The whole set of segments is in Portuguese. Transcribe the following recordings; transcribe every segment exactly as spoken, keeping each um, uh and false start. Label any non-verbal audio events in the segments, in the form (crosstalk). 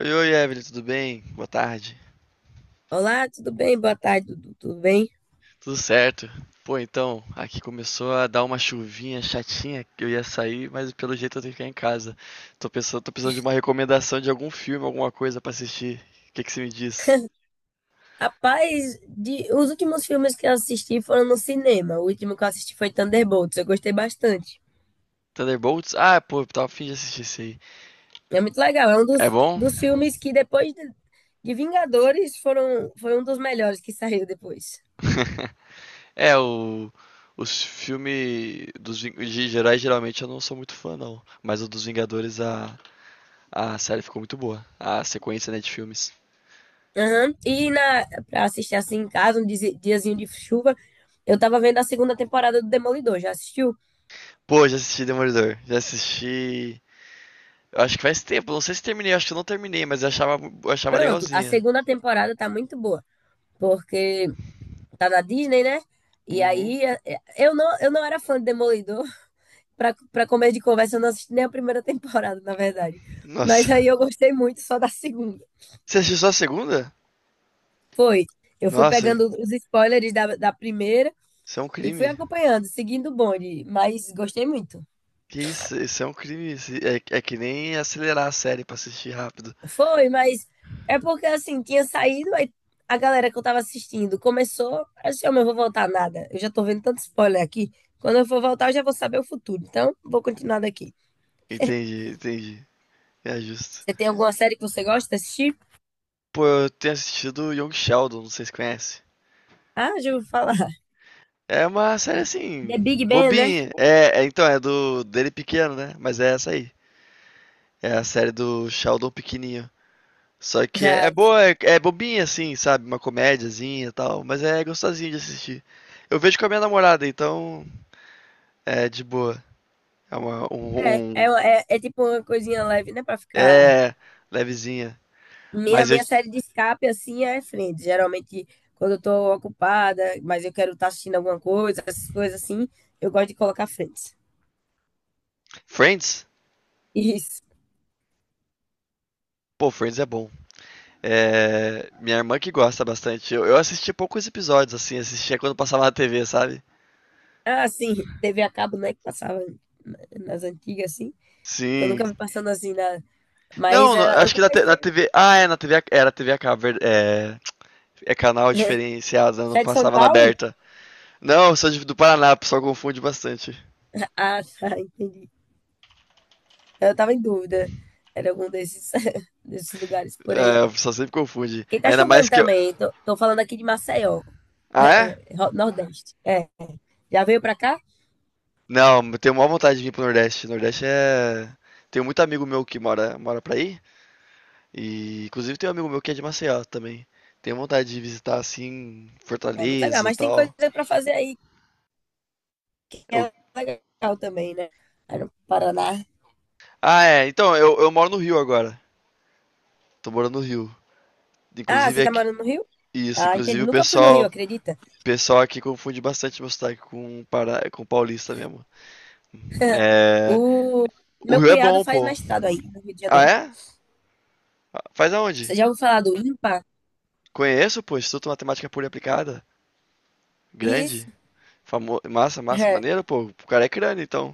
Oi, oi, Evelyn, tudo bem? Boa tarde. Olá, tudo bem? Boa tarde, Dudu. Tudo bem? Tudo certo. Pô, então, aqui começou a dar uma chuvinha chatinha que eu ia sair, mas pelo jeito eu tenho que ficar em casa. Tô pensando, tô precisando de uma recomendação de algum filme, alguma coisa pra assistir. O que que você me diz? (laughs) Rapaz, de- os últimos filmes que eu assisti foram no cinema. O último que eu assisti foi Thunderbolts. Eu gostei bastante. Thunderbolts? Ah, pô, eu tava a fim de assistir esse aí. É muito legal. É um É dos, bom? dos filmes que depois de, de Vingadores foram, foi um dos melhores que saiu depois. (laughs) É, o, os filmes dos Ving- de heróis geralmente eu não sou muito fã, não. Mas o dos Vingadores, a, a série ficou muito boa. A sequência, né, de filmes. Aham. E na, pra assistir assim em casa, um dizi- diazinho de chuva, eu tava vendo a segunda temporada do Demolidor. Já assistiu? Pô, já assisti Demolidor. Já assisti. Eu acho que faz tempo, não sei se terminei, acho que eu não terminei, mas eu achava, eu achava Pronto, a legalzinha. segunda temporada tá muito boa. Porque tá na Disney, né? E Uhum. aí, eh, eu não, eu não era fã de Demolidor. (laughs) Pra, pra comer de conversa, eu não assisti nem a primeira (laughs) temporada, na verdade. Mas Nossa. aí (laughs) eu gostei muito só da segunda. Você assistiu só a segunda? Foi. Eu fui Nossa, pegando os spoilers da, da primeira isso é um e fui crime. acompanhando, seguindo o bonde. Mas gostei muito. Que isso, isso é um crime. isso- É, é que nem acelerar a série pra assistir rápido. Foi, mas é porque assim, tinha saído, aí a galera que eu tava assistindo começou. Assim, eu não vou voltar nada. Eu já tô vendo tanto spoiler aqui. Quando eu for voltar, eu já vou saber o futuro. Então, vou continuar daqui. Entendi, entendi. É justo. Você tem alguma série que você gosta de assistir? Pô, eu tenho assistido Young Sheldon, não sei se conhece. Ah, já ouvi falar. (laughs) É uma série assim, The Big Bang, né? bobinha. É, é, então, é do dele pequeno, né? Mas é essa aí. É a série do Sheldon pequenininho. Só que é, Ah, é boa, é, é bobinha assim, sabe? Uma comédiazinha e tal, mas é gostosinho de assistir. Eu vejo com a minha namorada, então é de boa. É uma, um, é, é, um- é, é tipo uma coisinha leve, né? Pra ficar. é levezinha. Minha, Mas eu, minha série de escape, assim, é Friends. Geralmente, quando eu tô ocupada, mas eu quero estar assistindo alguma coisa, essas coisas assim, eu gosto de colocar Friends. Friends? Isso. Pô, Friends é bom. É, minha irmã que gosta bastante. Eu, eu assisti poucos episódios, assim, assistia quando passava na tê vê, sabe? Ah, sim, T V a cabo, né? Que passava na- nas antigas, assim, que eu Sim. nunca vi passando assim na. Mas Não, não, era- eu acho que na, te- na comecei. tê vê. Ah, é, na tê vê. a- Era tê vê a cabo, é, é canal diferenciado, né? Não Você é de São passava na Paulo? aberta. Não, eu sou de- do Paraná, o pessoal confunde bastante. (laughs) Ah, tá, entendi. Eu tava em dúvida. Era algum desses, (laughs) desses lugares por aí. É, o pessoal sempre confunde. Porque tá Ainda mais chovendo que eu. também. Tô, tô falando aqui de Maceió, é, Ah, é, é? é, Ro- Nordeste. É. Já veio pra cá? Não, eu tenho maior vontade de vir pro Nordeste. Nordeste é. Tenho muito amigo meu que mora, mora pra aí. E inclusive tem um amigo meu que é de Maceió também. Tenho vontade de visitar assim, É muito legal, Fortaleza e mas tem coisa tal. pra fazer aí que Eu- é legal também, né? Aí no Paraná. Ah, é. Então, eu, eu moro no Rio agora. Tô morando no Rio. Ah, Inclusive você tá aqui. morando no Rio? Isso, Ah, inclusive entendi. o Nunca fui no pessoal. Rio, O acredita? pessoal aqui confunde bastante meu sotaque com, para... com paulista mesmo. (laughs) O É. O meu Rio é cunhado bom, faz pô. mestrado aí no Rio de Ah, Janeiro. é? Faz aonde? Você já ouviu falar do IMPA? Conheço, pô, Instituto Matemática Pura e Aplicada. Grande. Isso. Famo... Massa, massa. Maneiro, (laughs) pô. O cara é crânio, então.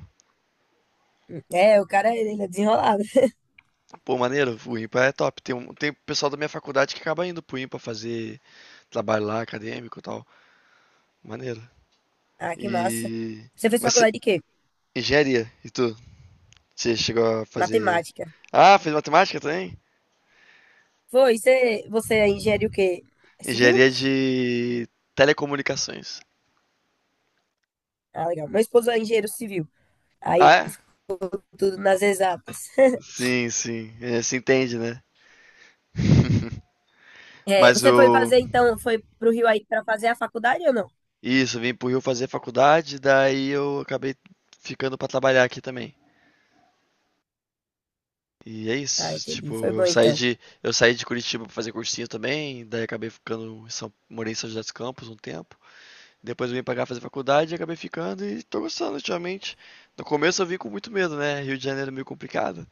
É, o cara, ele é desenrolado. (laughs) Pô, maneiro. O IMPA é top. Tem, um... Tem pessoal da minha faculdade que acaba indo pro IMPA fazer trabalho lá, acadêmico e tal. Maneiro. Ah, que massa. E. Você fez Mas cê- faculdade de quê? engenharia, e tu? Você chegou a fazer. Matemática. Ah, fez matemática também? Foi, você, você é engenheiro o quê? É civil? Engenharia de telecomunicações. Ah, legal. Meu esposo é engenheiro civil. Ah, Aí é? ficou tudo nas exatas. (laughs) Sim, sim. É, se entende, né? (laughs) É, Mas você foi o. fazer, então, foi pro Rio aí pra fazer a faculdade ou não? Isso, vim pro Rio fazer faculdade, daí eu acabei ficando pra trabalhar aqui também. E é Ah, isso, entendi. tipo, Foi bom, eu saí então. de eu saí de Curitiba pra fazer cursinho também, daí acabei ficando em São, morei em São José dos Campos um tempo. Depois eu vim pra cá fazer faculdade e acabei ficando e tô gostando ultimamente. No começo eu vim com muito medo, né? Rio de Janeiro é meio complicado.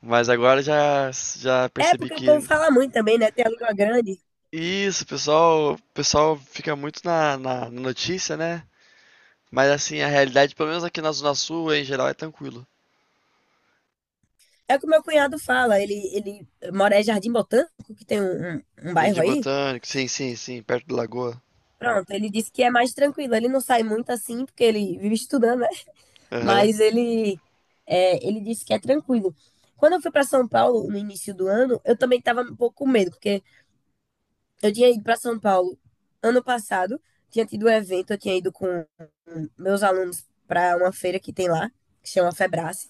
Mas agora já já É, percebi porque o povo que fala muito também, né? Tem a língua grande. isso, o pessoal, o pessoal fica muito na, na na notícia, né? Mas assim, a realidade, pelo menos aqui na Zona Sul, em geral, é tranquilo. É o que o meu cunhado fala. Ele, ele mora em Jardim Botânico, que tem um, um, um bairro Jardim aí. Botânico, sim, sim, sim, perto da lagoa. Pronto, ele disse que é mais tranquilo. Ele não sai muito assim, porque ele vive estudando, né? Aham, Mas ele, é, ele disse que é tranquilo. Quando eu fui para São Paulo no início do ano, eu também estava um pouco com medo, porque eu tinha ido para São Paulo ano passado, tinha tido um evento, eu tinha ido com meus alunos para uma feira que tem lá, que chama Febrace.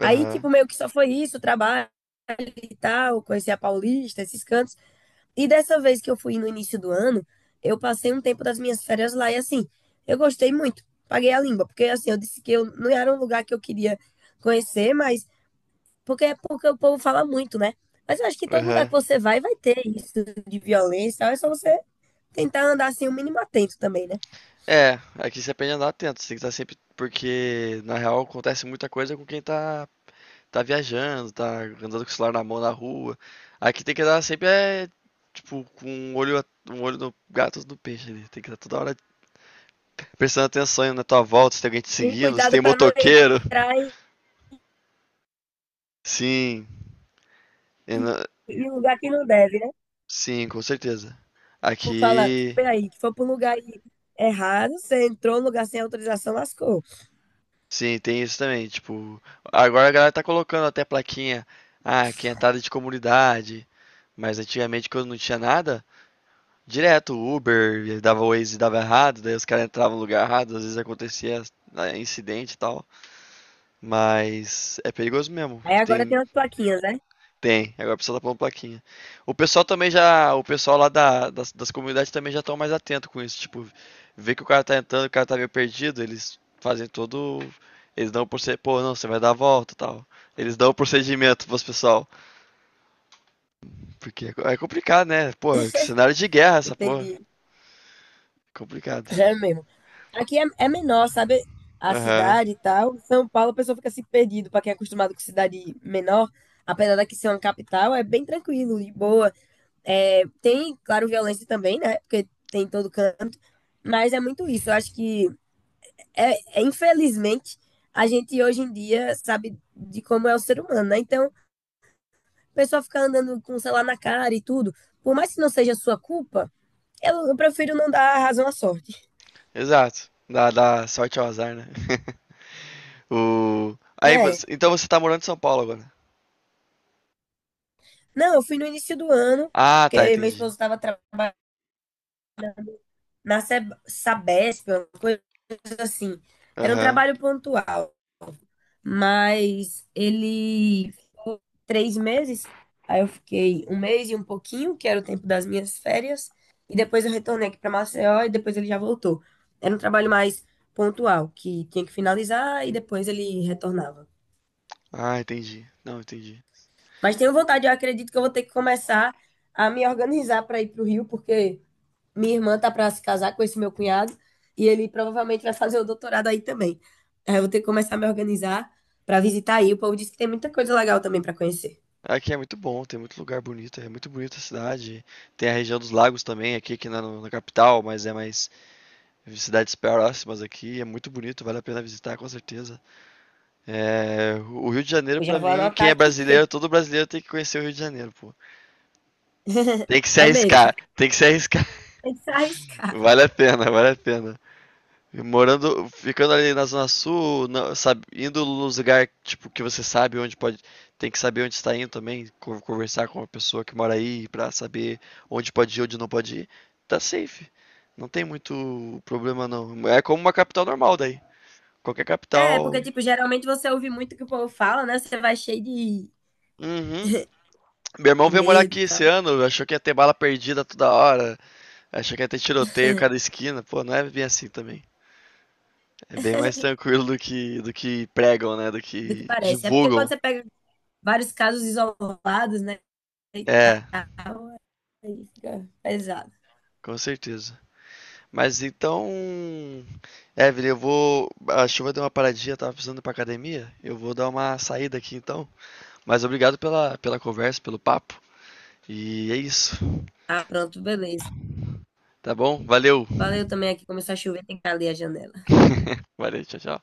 Aí, aham, tipo, meio que só foi isso, trabalho e tal, conheci a Paulista, esses cantos. E dessa vez que eu fui no início do ano, eu passei um tempo das minhas férias lá e assim, eu gostei muito. Paguei a língua, porque assim, eu disse que eu não era um lugar que eu queria conhecer, mas porque é porque o povo fala muito, né? Mas eu acho que todo lugar aham. que você vai, vai ter isso de violência, é só você tentar andar assim o mínimo atento também, né? É, aqui você aprende a andar atento, você tem que estar sempre. Porque na real acontece muita coisa com quem tá, tá viajando, tá andando com o celular na mão na rua. Aqui tem que andar sempre, é, tipo, com um olho, a- um olho no gato e outro no peixe ali. Tem que estar toda hora prestando atenção na tua volta, se tem alguém te E seguindo, se cuidado tem para não motoqueiro. entrar em, Sim, eu não- em lugar que não deve, né? sim, com certeza. Como fala, Aqui. peraí, que foi para um lugar errado, você entrou no lugar sem autorização, lascou. Sim, tem isso também. Tipo, agora a galera tá colocando até plaquinha, ah, quinhentada de comunidade. Mas antigamente, quando não tinha nada, direto o Uber, dava Waze e dava errado, daí os caras entravam no lugar errado, às vezes acontecia né, incidente e tal. Mas é perigoso mesmo. Aí agora tem Tem as plaquinhas, né? Tem, agora o pessoal tá pondo plaquinha. O pessoal também já, o pessoal lá da- das, das comunidades também já estão mais atento com isso, tipo, vê que o cara tá entrando, o cara tá meio perdido, eles fazem todo, eles dão o procedimento, pô, não, você vai dar a volta, e tal. Eles dão o procedimento pros pessoal, porque é co- é complicado, né? Pô, que (laughs) cenário de guerra essa porra, Entendi. é complicado. Já é mesmo. Aqui é, é menor, sabe? A Aham. cidade e tal. São Paulo, a pessoa fica assim perdido. Pra quem é acostumado com cidade menor, apesar daqui ser uma capital, é bem tranquilo de boa. É, tem, claro, violência também, né? Porque tem em todo canto. Mas é muito isso. Eu acho que, é, é, infelizmente, a gente hoje em dia sabe de como é o ser humano, né? Então, a pessoa fica andando com o celular na cara e tudo. Por mais que não seja sua culpa, eu, eu prefiro não dar razão à sorte. Exato. Dá, dá sorte ao azar, né? (laughs) O Aí É. você, então você tá morando em São Paulo agora. Não, eu fui no início do ano, Ah, tá, porque meu esposo entendi. estava trabalhando na Seb- Sabesp, uma coisa assim. Era um Aham. trabalho pontual, mas ele, três meses, aí eu fiquei um mês e um pouquinho, que era o tempo das minhas férias, e depois eu retornei aqui para Maceió e depois ele já voltou. Era um trabalho mais pontual, que tinha que finalizar e depois ele retornava. Ah, entendi. Não, entendi. Mas tenho vontade, eu acredito que eu vou ter que começar a me organizar para ir para o Rio, porque. Minha irmã tá pra se casar com esse meu cunhado e ele provavelmente vai fazer o doutorado aí também. Aí eu vou ter que começar a me organizar pra visitar aí. O povo disse que tem muita coisa legal também pra conhecer. Aqui é muito bom, tem muito lugar bonito, é muito bonita a cidade. Tem a região dos lagos também, aqui que não é na capital, mas é mais cidades próximas aqui, é muito bonito, vale a pena visitar com certeza. É, o Rio de Janeiro Eu já pra vou mim, quem anotar é aqui. brasileiro, todo brasileiro tem que conhecer o Rio de Janeiro, pô. Tem que se É mesmo, arriscar, tem que se arriscar. (laughs) tem que se (laughs) arriscar. Vale a pena, vale a pena. E Morando, ficando ali na Zona Sul, na- sabe, indo nos lugares tipo, que você sabe onde pode. Tem que saber onde está indo também, co- conversar com a pessoa que mora aí pra saber onde pode ir, onde não pode ir. Tá safe. Não tem muito problema, não. É como uma capital normal daí. Qualquer É, porque, capital. tipo, geralmente você ouve muito o que o povo fala, né? Você vai cheio de, Uhum. Meu irmão de veio morar medo e aqui esse tal, ano, achou que ia ter bala perdida toda hora, achou que ia ter tiroteio a cada esquina. Pô, não é bem assim também. É bem mais tranquilo do que, do que pregam, né? Do do que que parece. É porque quando divulgam. você pega vários casos isolados, né? E tá, É, aí fica pesado. com certeza. Mas então, Evelyn, eu vou. A chuva deu uma paradinha, eu tava precisando ir pra academia. Eu vou dar uma saída aqui então. Mas obrigado pela, pela conversa, pelo papo. E é isso. Ah, pronto, beleza. Tá bom? Valeu. Valeu também aqui, começou a chover, tem que abrir a janela. (laughs) Valeu, tchau, tchau.